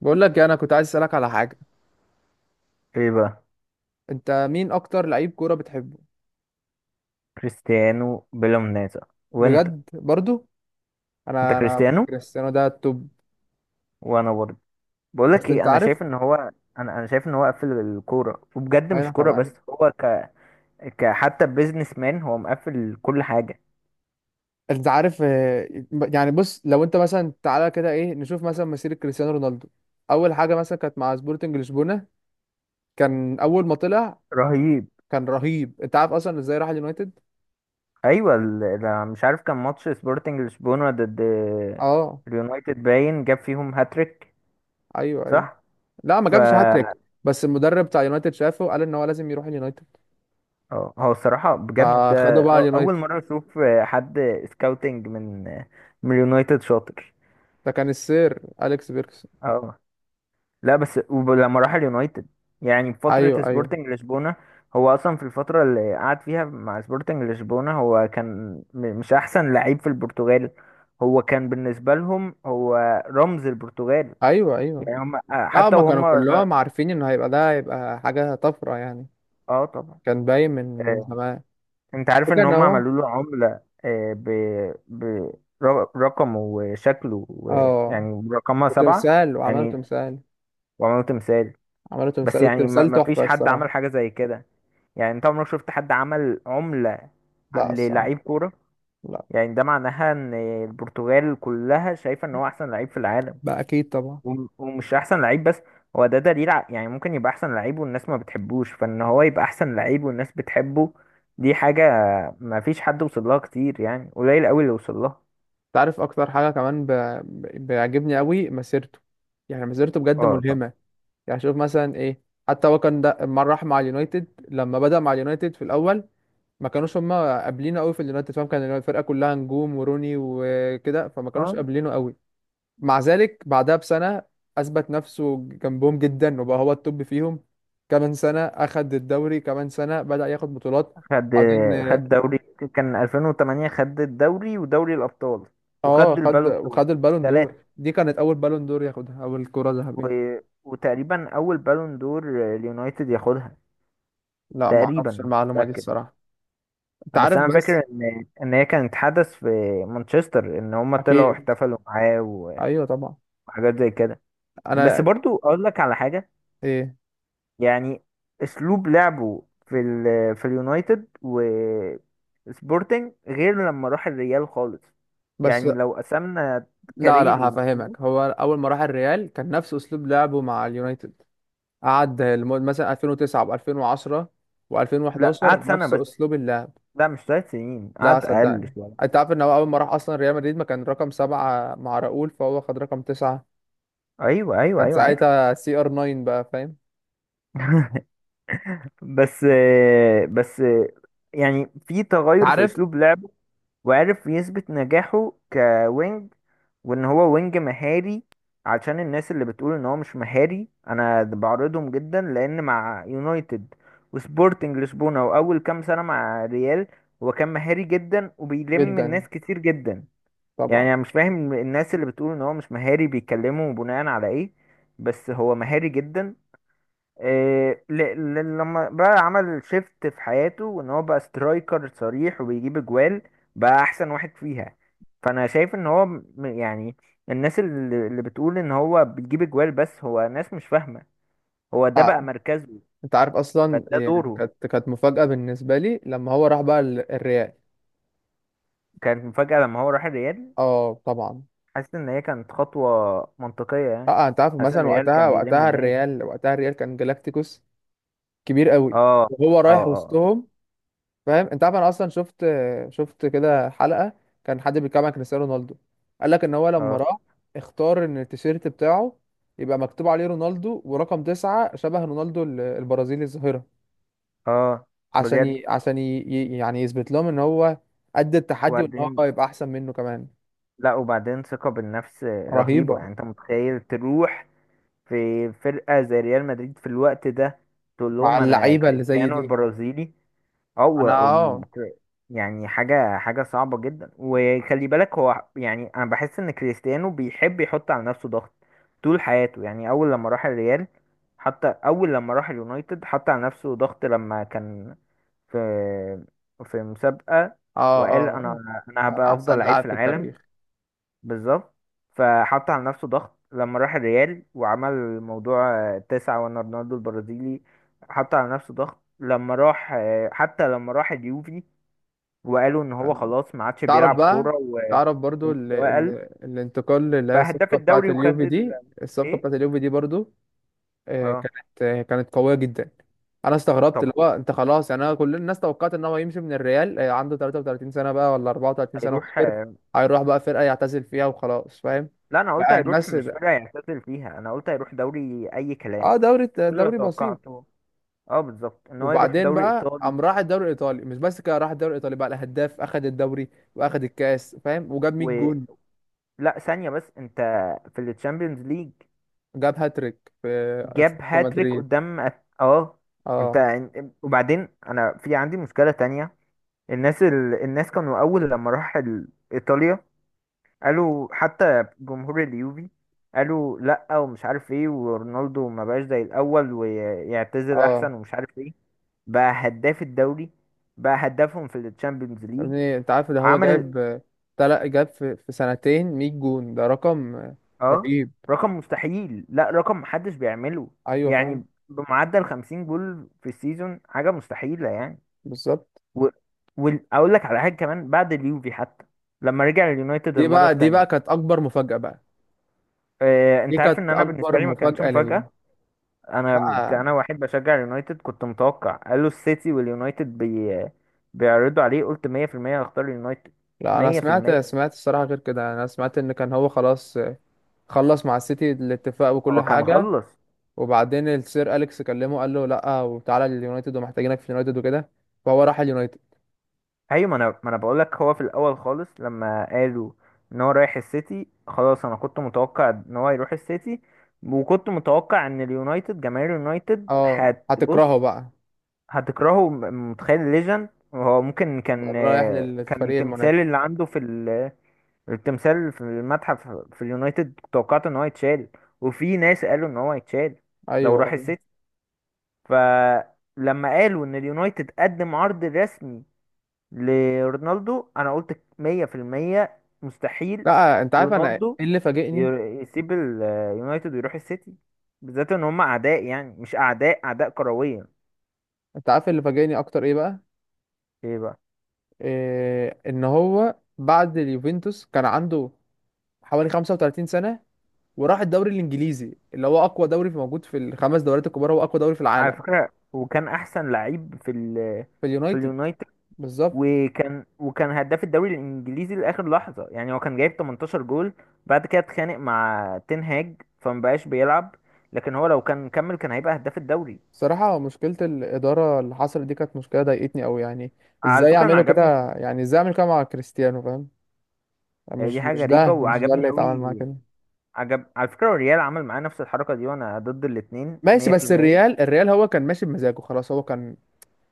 بقول لك إيه، انا كنت عايز اسالك على حاجه. ايه بقى؟ انت مين اكتر لعيب كوره بتحبه؟ كريستيانو بلا منازع. وانت؟ بجد برضو. انت انا كريستيانو. كريستيانو ده التوب. وانا برضه. بقول لك بس ايه، انت انا شايف عارف. ان هو انا انا شايف ان هو قفل الكوره، وبجد انا مش كوره كمان. بس، هو حتى بيزنس مان، هو مقفل كل حاجه. انت عارف. يعني بص، لو انت مثلا تعالى كده ايه نشوف مثلا مسيره كريستيانو رونالدو. اول حاجه مثلا كانت مع سبورتنج لشبونه. كان اول ما طلع. رهيب. كان رهيب، انت عارف اصلا ازاي راح اليونايتد؟ ايوه، مش عارف، كان ماتش سبورتنج لشبونه ضد اه، اليونايتد باين جاب فيهم هاتريك. ايوه ايوه. صح. لا، ما ف جابش هاتريك. بس المدرب بتاع اليونايتد شافه، قال ان هو لازم يروح اليونايتد. اه، هو الصراحه بجد، فخده بقى اول اليونايتد. مره اشوف حد سكاوتنج من اليونايتد شاطر. ده كان السير اليكس بيركس. اه. لا بس لما راح اليونايتد، يعني في فترة ايوه، ايوه، سبورتنج لشبونة، هو أصلا في الفترة اللي قعد فيها مع سبورتنج لشبونة هو كان مش أحسن لعيب في البرتغال. هو كان بالنسبة لهم، هو رمز البرتغال. ايوه، ايوه. يعني هم، اه، حتى ما كانوا وهم. كلهم عارفين انه هيبقى، ده هيبقى حاجة طفرة يعني. اه طبعا. كان باين من آه، زمان. انت عارف ان وكان هم هو. عملوا له عملة، ب... رقمه وشكله اه يعني رقمها 7. وعملوا يعني تمثال. وعملوا تمثال. عملوا بس تمثال، يعني ما التمثال ما فيش تحفة حد الصراحة. عمل حاجة زي كده. يعني انت عمرك شفت حد عمل عملة لا الصراحة. للعيب كورة؟ لا، يعني ده معناها ان البرتغال كلها شايفة ان هو احسن لعيب في العالم، بقى اكيد طبعا. ومش احسن لعيب بس. هو ده دليل، يعني ممكن يبقى احسن لعيب والناس ما بتحبوش، فان هو يبقى احسن لعيب والناس بتحبه، دي حاجة ما فيش حد وصل لها كتير، يعني قليل قوي اللي وصل لها. تعرف اكتر حاجة كمان بيعجبني قوي مسيرته. يعني مسيرته بجد اه طبعا. ملهمة. يعني شوف مثلا ايه. حتى هو كان ده، لما بدأ مع اليونايتد في الأول. ما كانوش هما قابلينه قوي في اليونايتد، فاهم؟ كان الفرقة كلها نجوم وروني وكده، فما كانوش اه، قابلينه قوي. مع ذلك بعدها بسنة أثبت نفسه جنبهم جدا وبقى هو التوب فيهم. كمان سنة أخد الدوري، كمان سنة بدأ ياخد بطولات. خد بعدين. خد دوري. كان 2008 خد الدوري ودوري الابطال، اه، وخد خد البالون دور وخد البالون دور، التلاتة. دي كانت أول بالون دور ياخدها، أو الكرة و... الذهبية. وتقريبا اول بالون دور اليونايتد ياخدها، لا، ما تقريبا أعرفش مش المعلومة دي متاكد. الصراحة. أنت بس عارف، انا فاكر بس. ان هي كانت حدث في مانشستر، ان هم طلعوا أكيد، احتفلوا معاه أيوه طبعا. وحاجات زي كده. بس انا برضو اقول لك على حاجه. ايه يعني اسلوب لعبه في اليونايتد و سبورتنج غير لما راح الريال خالص. بس. يعني لو قسمنا لا، لا، كاريره. هفهمك، هو اول ما راح الريال كان نفس اسلوب لعبه مع اليونايتد. قعد مثلا 2009 و2010 لا، و2011 قعد سنه نفس بس. اسلوب اللعب. لا، مش 3 سنين، لا قعد اقل صدقني. شويه. انت عارف ان هو اول ما راح اصلا ريال مدريد ما كان رقم سبعة مع راؤول، فهو خد رقم تسعة. ايوه، ايوه، كان ايوه، عارف. ساعتها سي ار 9 بقى، فاهم؟ بس بس يعني في انت تغير في عارف. اسلوب لعبه، وعرف يثبت نجاحه كوينج، وان هو وينج مهاري. عشان الناس اللي بتقول ان هو مش مهاري، انا بعرضهم جدا، لان مع يونايتد وسبورتنج لشبونة واول كام سنة مع ريال هو كان مهاري جدا وبيلم جدا، الناس كتير جدا. يعني طبعا. انا مش فاهم الناس اللي بتقول ان هو مش مهاري بيتكلموا بناء على ايه، بس هو مهاري جدا. إيه، لما بقى عمل شيفت في حياته وان هو بقى سترايكر صريح وبيجيب اجوال بقى احسن واحد فيها. فانا شايف ان هو، يعني الناس اللي بتقول ان هو بيجيب اجوال بس، هو ناس مش فاهمة. هو ده بقى تع- مركزه، انت عارف اصلا، فده يعني دوره. كانت مفاجأة بالنسبة لي لما هو راح بقى الريال. كانت مفاجأة لما هو راح الريال. اه، طبعا. حاسس ان هي كانت خطوة منطقية يعني. اه، انت عارف حاسس ان مثلا الريال وقتها كان بيلم وقتها الناس. الريال وقتها الريال كان جالاكتيكوس كبير قوي. اه، وهو اه، رايح اه، وسطهم. فاهم؟ انت عارف انا اصلا شفت، شفت كده حلقة. كان حد بيتكلم عن كريستيانو رونالدو، قال لك ان هو لما اه، راح اختار ان التيشيرت بتاعه يبقى مكتوب عليه رونالدو ورقم تسعة، شبه رونالدو البرازيلي الظاهرة. اه. بجد. يعني يثبت لهم ان هو قد التحدي، وان هو وبعدين. يبقى احسن منه كمان. لا، وبعدين ثقة بالنفس رهيبة. رهيبة. يعني انت متخيل تروح في فرقة زي ريال مدريد في الوقت ده، تقول مع لهم انا اللعيبة اللي زي كريستيانو دي. البرازيلي؟ او انا، أم- اه، كر- يعني حاجة حاجة صعبة جدا. وخلي بالك هو، يعني انا بحس ان كريستيانو بيحب يحط على نفسه ضغط طول حياته. يعني اول لما راح الريال، حتى اول لما راح اليونايتد حط على نفسه ضغط لما كان في في مسابقة، اه، وقال اه، انا اه. أنا هبقى افضل احسن لعيب لاعب في في العالم. التاريخ. بالظبط. فحط على نفسه ضغط لما راح الريال وعمل موضوع تسعة وانا رونالدو البرازيلي. حط على نفسه ضغط لما راح، حتى لما راح اليوفي وقالوا ان هو كان. خلاص ما عادش تعرف بيلعب بقى كورة تعرف برضو ومستواه قل، الانتقال اللي هي بقى هداف الصفقة بتاعت الدوري وخد اليوفي ال. دي. الصفقة ايه. بتاعت اليوفي دي برضو، اه كانت قوية جدا. انا استغربت اللي طبعا. هو انت خلاص، يعني انا كل الناس توقعت ان هو يمشي من الريال، عنده 33 سنة بقى ولا 34 سنة هيروح وكبر. هيروح بقى فرقة يعتزل فيها وخلاص، فاهم؟ لا، انا قلت بقى هيروح الناس مش ده. فرقة يعتزل فيها، انا قلت هيروح دوري اي كلام. اه، دوري. كل اللي دوري بسيط. توقعته، اه بالظبط، ان هو يروح وبعدين دوري بقى ايطالي. قام راح الدوري الايطالي، مش بس كده راح الدوري الايطالي بقى الهداف، اخد الدوري واخد الكاس، فاهم؟ وجاب 100 و جون. لا ثانية بس، انت في التشامبيونز ليج جاب هاتريك في جاب اتلتيكو هاتريك مدريد. قدام اه. انت. اه، وبعدين انا في عندي مشكلة تانية. الناس كانوا اول لما راح ايطاليا قالوا، حتى جمهور اليوفي قالوا لا ومش عارف ايه، ورونالدو ما بقاش زي الاول ويعتزل اه. احسن ومش عارف ايه، بقى هداف الدوري، بقى هدافهم في التشامبيونز ليج. يعني انت عارف، ده هو عمل. جايب تلات، جاب في سنتين 100 جون، ده رقم اه، رهيب. رقم مستحيل، لا رقم محدش بيعمله، ايوه فعلا. يعني بمعدل 50 جول في السيزون حاجة مستحيلة يعني. بالظبط. و... واقول لك على حاجه كمان، بعد اليوفي حتى لما رجع اليونايتد دي المره بقى دي التانية. بقى كانت اكبر مفاجأة بقى. دي انت عارف ان كانت انا بالنسبه اكبر لي ما كانتش مفاجأة ليا. مفاجاه. انا لا، انا واحد بشجع اليونايتد، كنت متوقع، قالوا السيتي واليونايتد بيعرضوا عليه، قلت 100% هختار اليونايتد. لا، انا سمعت 100%. سمعت الصراحة غير كده، انا سمعت ان كان هو خلاص، خلص مع السيتي الاتفاق وكل هو كان حاجة. خلص. وبعدين السير اليكس كلمه، قال له لا وتعالى اليونايتد ومحتاجينك في اليونايتد وكده. فهو راح اليونايتد. ايوه، ما انا بقول لك هو في الاول خالص لما قالوا ان هو رايح السيتي خلاص، انا كنت متوقع ان هو يروح السيتي، وكنت متوقع ان اليونايتد، جماهير اليونايتد اه، هتبص، هتكرهه بقى. هتكرهه. متخيل ليجن هو ممكن، بقى كان رايح كان للفريق التمثال المنافس. اللي عنده التمثال في المتحف في اليونايتد كنت توقعت ان هو يتشال، وفي ناس قالوا ان هو يتشال لو ايوه، راح ايوه. السيتي. فلما قالوا ان اليونايتد قدم عرض رسمي لرونالدو، انا قلت 100% مستحيل لا، انت عارف انا ايه رونالدو اللي فاجئني. يسيب اليونايتد ويروح السيتي، بالذات ان هم اعداء، يعني مش اعداء، اعداء كرويا. انت عارف اللي فاجئني اكتر ايه بقى؟ ايه بقى؟ إيه، ان هو بعد اليوفنتوس كان عنده حوالي 35 سنة، وراح الدوري الانجليزي، اللي هو اقوى دوري في موجود، في الخمس دوريات الكبار هو اقوى دوري في على العالم. فكرة، وكان أحسن لعيب في في اليونايتد. اليونايتد، بالظبط. وكان هداف الدوري الإنجليزي لآخر لحظة، يعني هو كان جايب 18 جول، بعد كده اتخانق مع تين هاج فمبقاش بيلعب، لكن هو لو كان كمل كان هيبقى هداف الدوري. صراحة، مشكلة الإدارة اللي حصلت دي كانت مشكلة ضايقتني أوي يعني. على إزاي فكرة، أنا يعملوا عجبني. كده؟ يعني إزاي أعمل كده مع كريستيانو، فاهم؟ يعني مش دي حاجة مش غريبة، ده مش ده اللي وعجبني يتعامل معاه أوي. كده. عجب، على فكرة الريال عمل معاه نفس الحركة دي، وأنا ضد الاتنين ماشي، بس 100%. الريال هو كان ماشي بمزاجه خلاص، هو كان.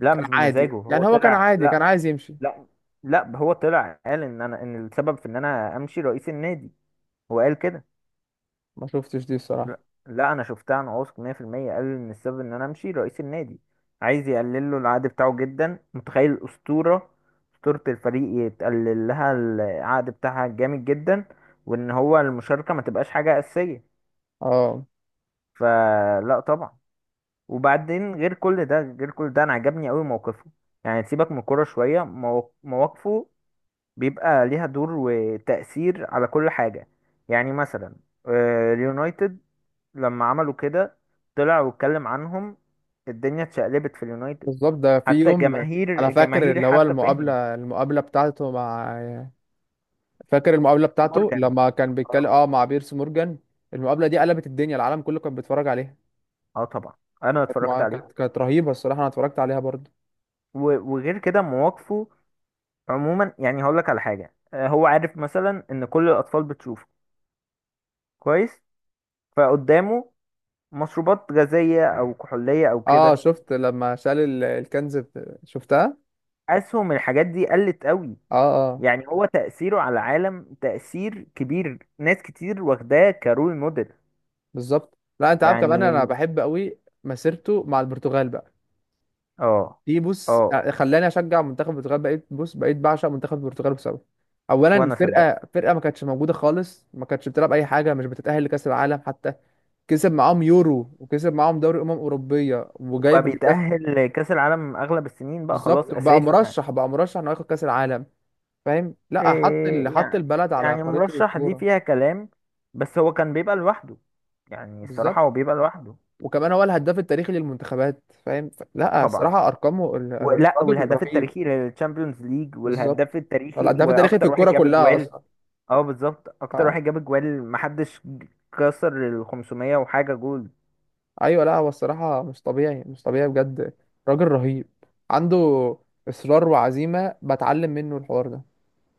لا، كان مش عادي، بمزاجه، هو يعني هو كان طلع. عادي، كان لا. عايز يمشي. لا، لا هو طلع قال إن السبب في إن أنا أمشي رئيس النادي. هو قال كده. ما شفتش دي الصراحة. لا. لا، انا شفتها عن واثق 100%، قال ان السبب ان انا امشي رئيس النادي. عايز يقلل له العقد بتاعه جدا، متخيل الاسطوره، اسطوره الفريق يتقلل لها العقد بتاعها جامد جدا، وان هو المشاركه ما تبقاش حاجه اساسيه. اه، فلا طبعا. وبعدين غير كل ده غير كل ده، انا عجبني قوي موقفه. يعني سيبك من الكوره شويه، مواقفه بيبقى ليها دور وتأثير على كل حاجه. يعني مثلا اليونايتد لما عملوا كده طلع واتكلم عنهم. الدنيا اتشقلبت في اليونايتد، بالظبط، ده في حتى يوم. أنا جماهير، فاكر، اللي هو حتى فهمت. المقابلة بتاعته مع. فاكر المقابلة بتاعته مورجان. لما كان بيتكلم اه. مع بيرس مورجان. المقابلة دي قلبت الدنيا، العالم كله كان بيتفرج عليها. اه طبعا، انا اتفرجت ما عليه. كانت رهيبة الصراحة، أنا اتفرجت عليها برضو. وغير كده مواقفه عموما، يعني هقول لك على حاجه. هو عارف مثلا ان كل الاطفال بتشوفه كويس، فقدامه مشروبات غازيه او كحوليه او اه، كده، شفت لما شال الكنز شفتها. اسهم الحاجات دي قلت قوي. اه، اه. يعني هو تاثيره على العالم تاثير كبير، ناس كتير واخداه كرول موديل. بالظبط، لا انت عارف كمان، انا يعني. بحب قوي مسيرته مع البرتغال بقى. اه. دي بص، اه. خلاني اشجع منتخب البرتغال، بقيت بعشق منتخب البرتغال بسببه. اولا، وانا صدقت. فرقة ما كانتش موجودة خالص، ما كانتش بتلعب اي حاجة، مش بتتأهل لكأس العالم حتى. كسب معاهم يورو، وكسب معاهم دوري اوروبيه، وبقى وجايب هداف. بيتأهل لكأس العالم اغلب السنين، بقى خلاص بالظبط، وبقى اساسي يعني. مرشح انه ياخد كأس العالم. فاهم؟ لا، إيه حط يعني، البلد على يعني خريطة مرشح دي الكورة. فيها كلام، بس هو كان بيبقى لوحده، يعني الصراحة هو بالظبط، بيبقى لوحده. وكمان هو الهداف التاريخي للمنتخبات، فاهم؟ لا طبعا. الصراحة، أرقامه ولا، الراجل والهداف رهيب. التاريخي للتشامبيونز ليج، والهداف بالظبط. هو التاريخي، الهداف التاريخي في واكتر واحد الكورة جاب كلها اجوال. أصلا. اه بالظبط، اكتر آه. واحد جاب اجوال، محدش كسر ال 500 وحاجة جول. أيوة، لا هو الصراحة، مش طبيعي مش طبيعي بجد. راجل رهيب. عنده إصرار وعزيمة، بتعلم منه الحوار ده.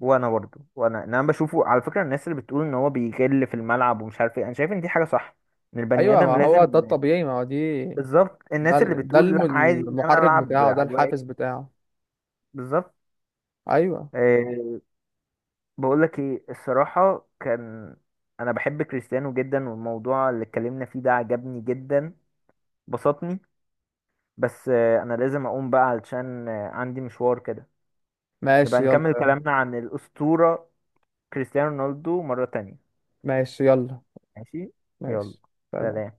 وانا برضه. وانا إن انا بشوفه على فكره، الناس اللي بتقول ان هو بيغل في الملعب ومش عارف ايه، انا شايف ان دي حاجه صح، ان البني أيوة، ما ادم هو لازم. ده الطبيعي، ما هو دي. بالظبط. ده الناس اللي ال- ده بتقول الم- لا، عادي ان انا المحرك العب بتاعه، على ده الواقف. الحافز بتاعه. بالظبط. أيوة. أه. بقول لك ايه، الصراحه كان انا بحب كريستيانو جدا، والموضوع اللي اتكلمنا فيه ده عجبني جدا، بسطني. بس أه انا لازم اقوم بقى علشان عندي مشوار كده. نبقى ماشي، يلا نكمل يلا. كلامنا عن الاسطوره كريستيانو رونالدو مره تانية. ماشي، يلا، ماشي. يلا. ماشي. سلام. سلام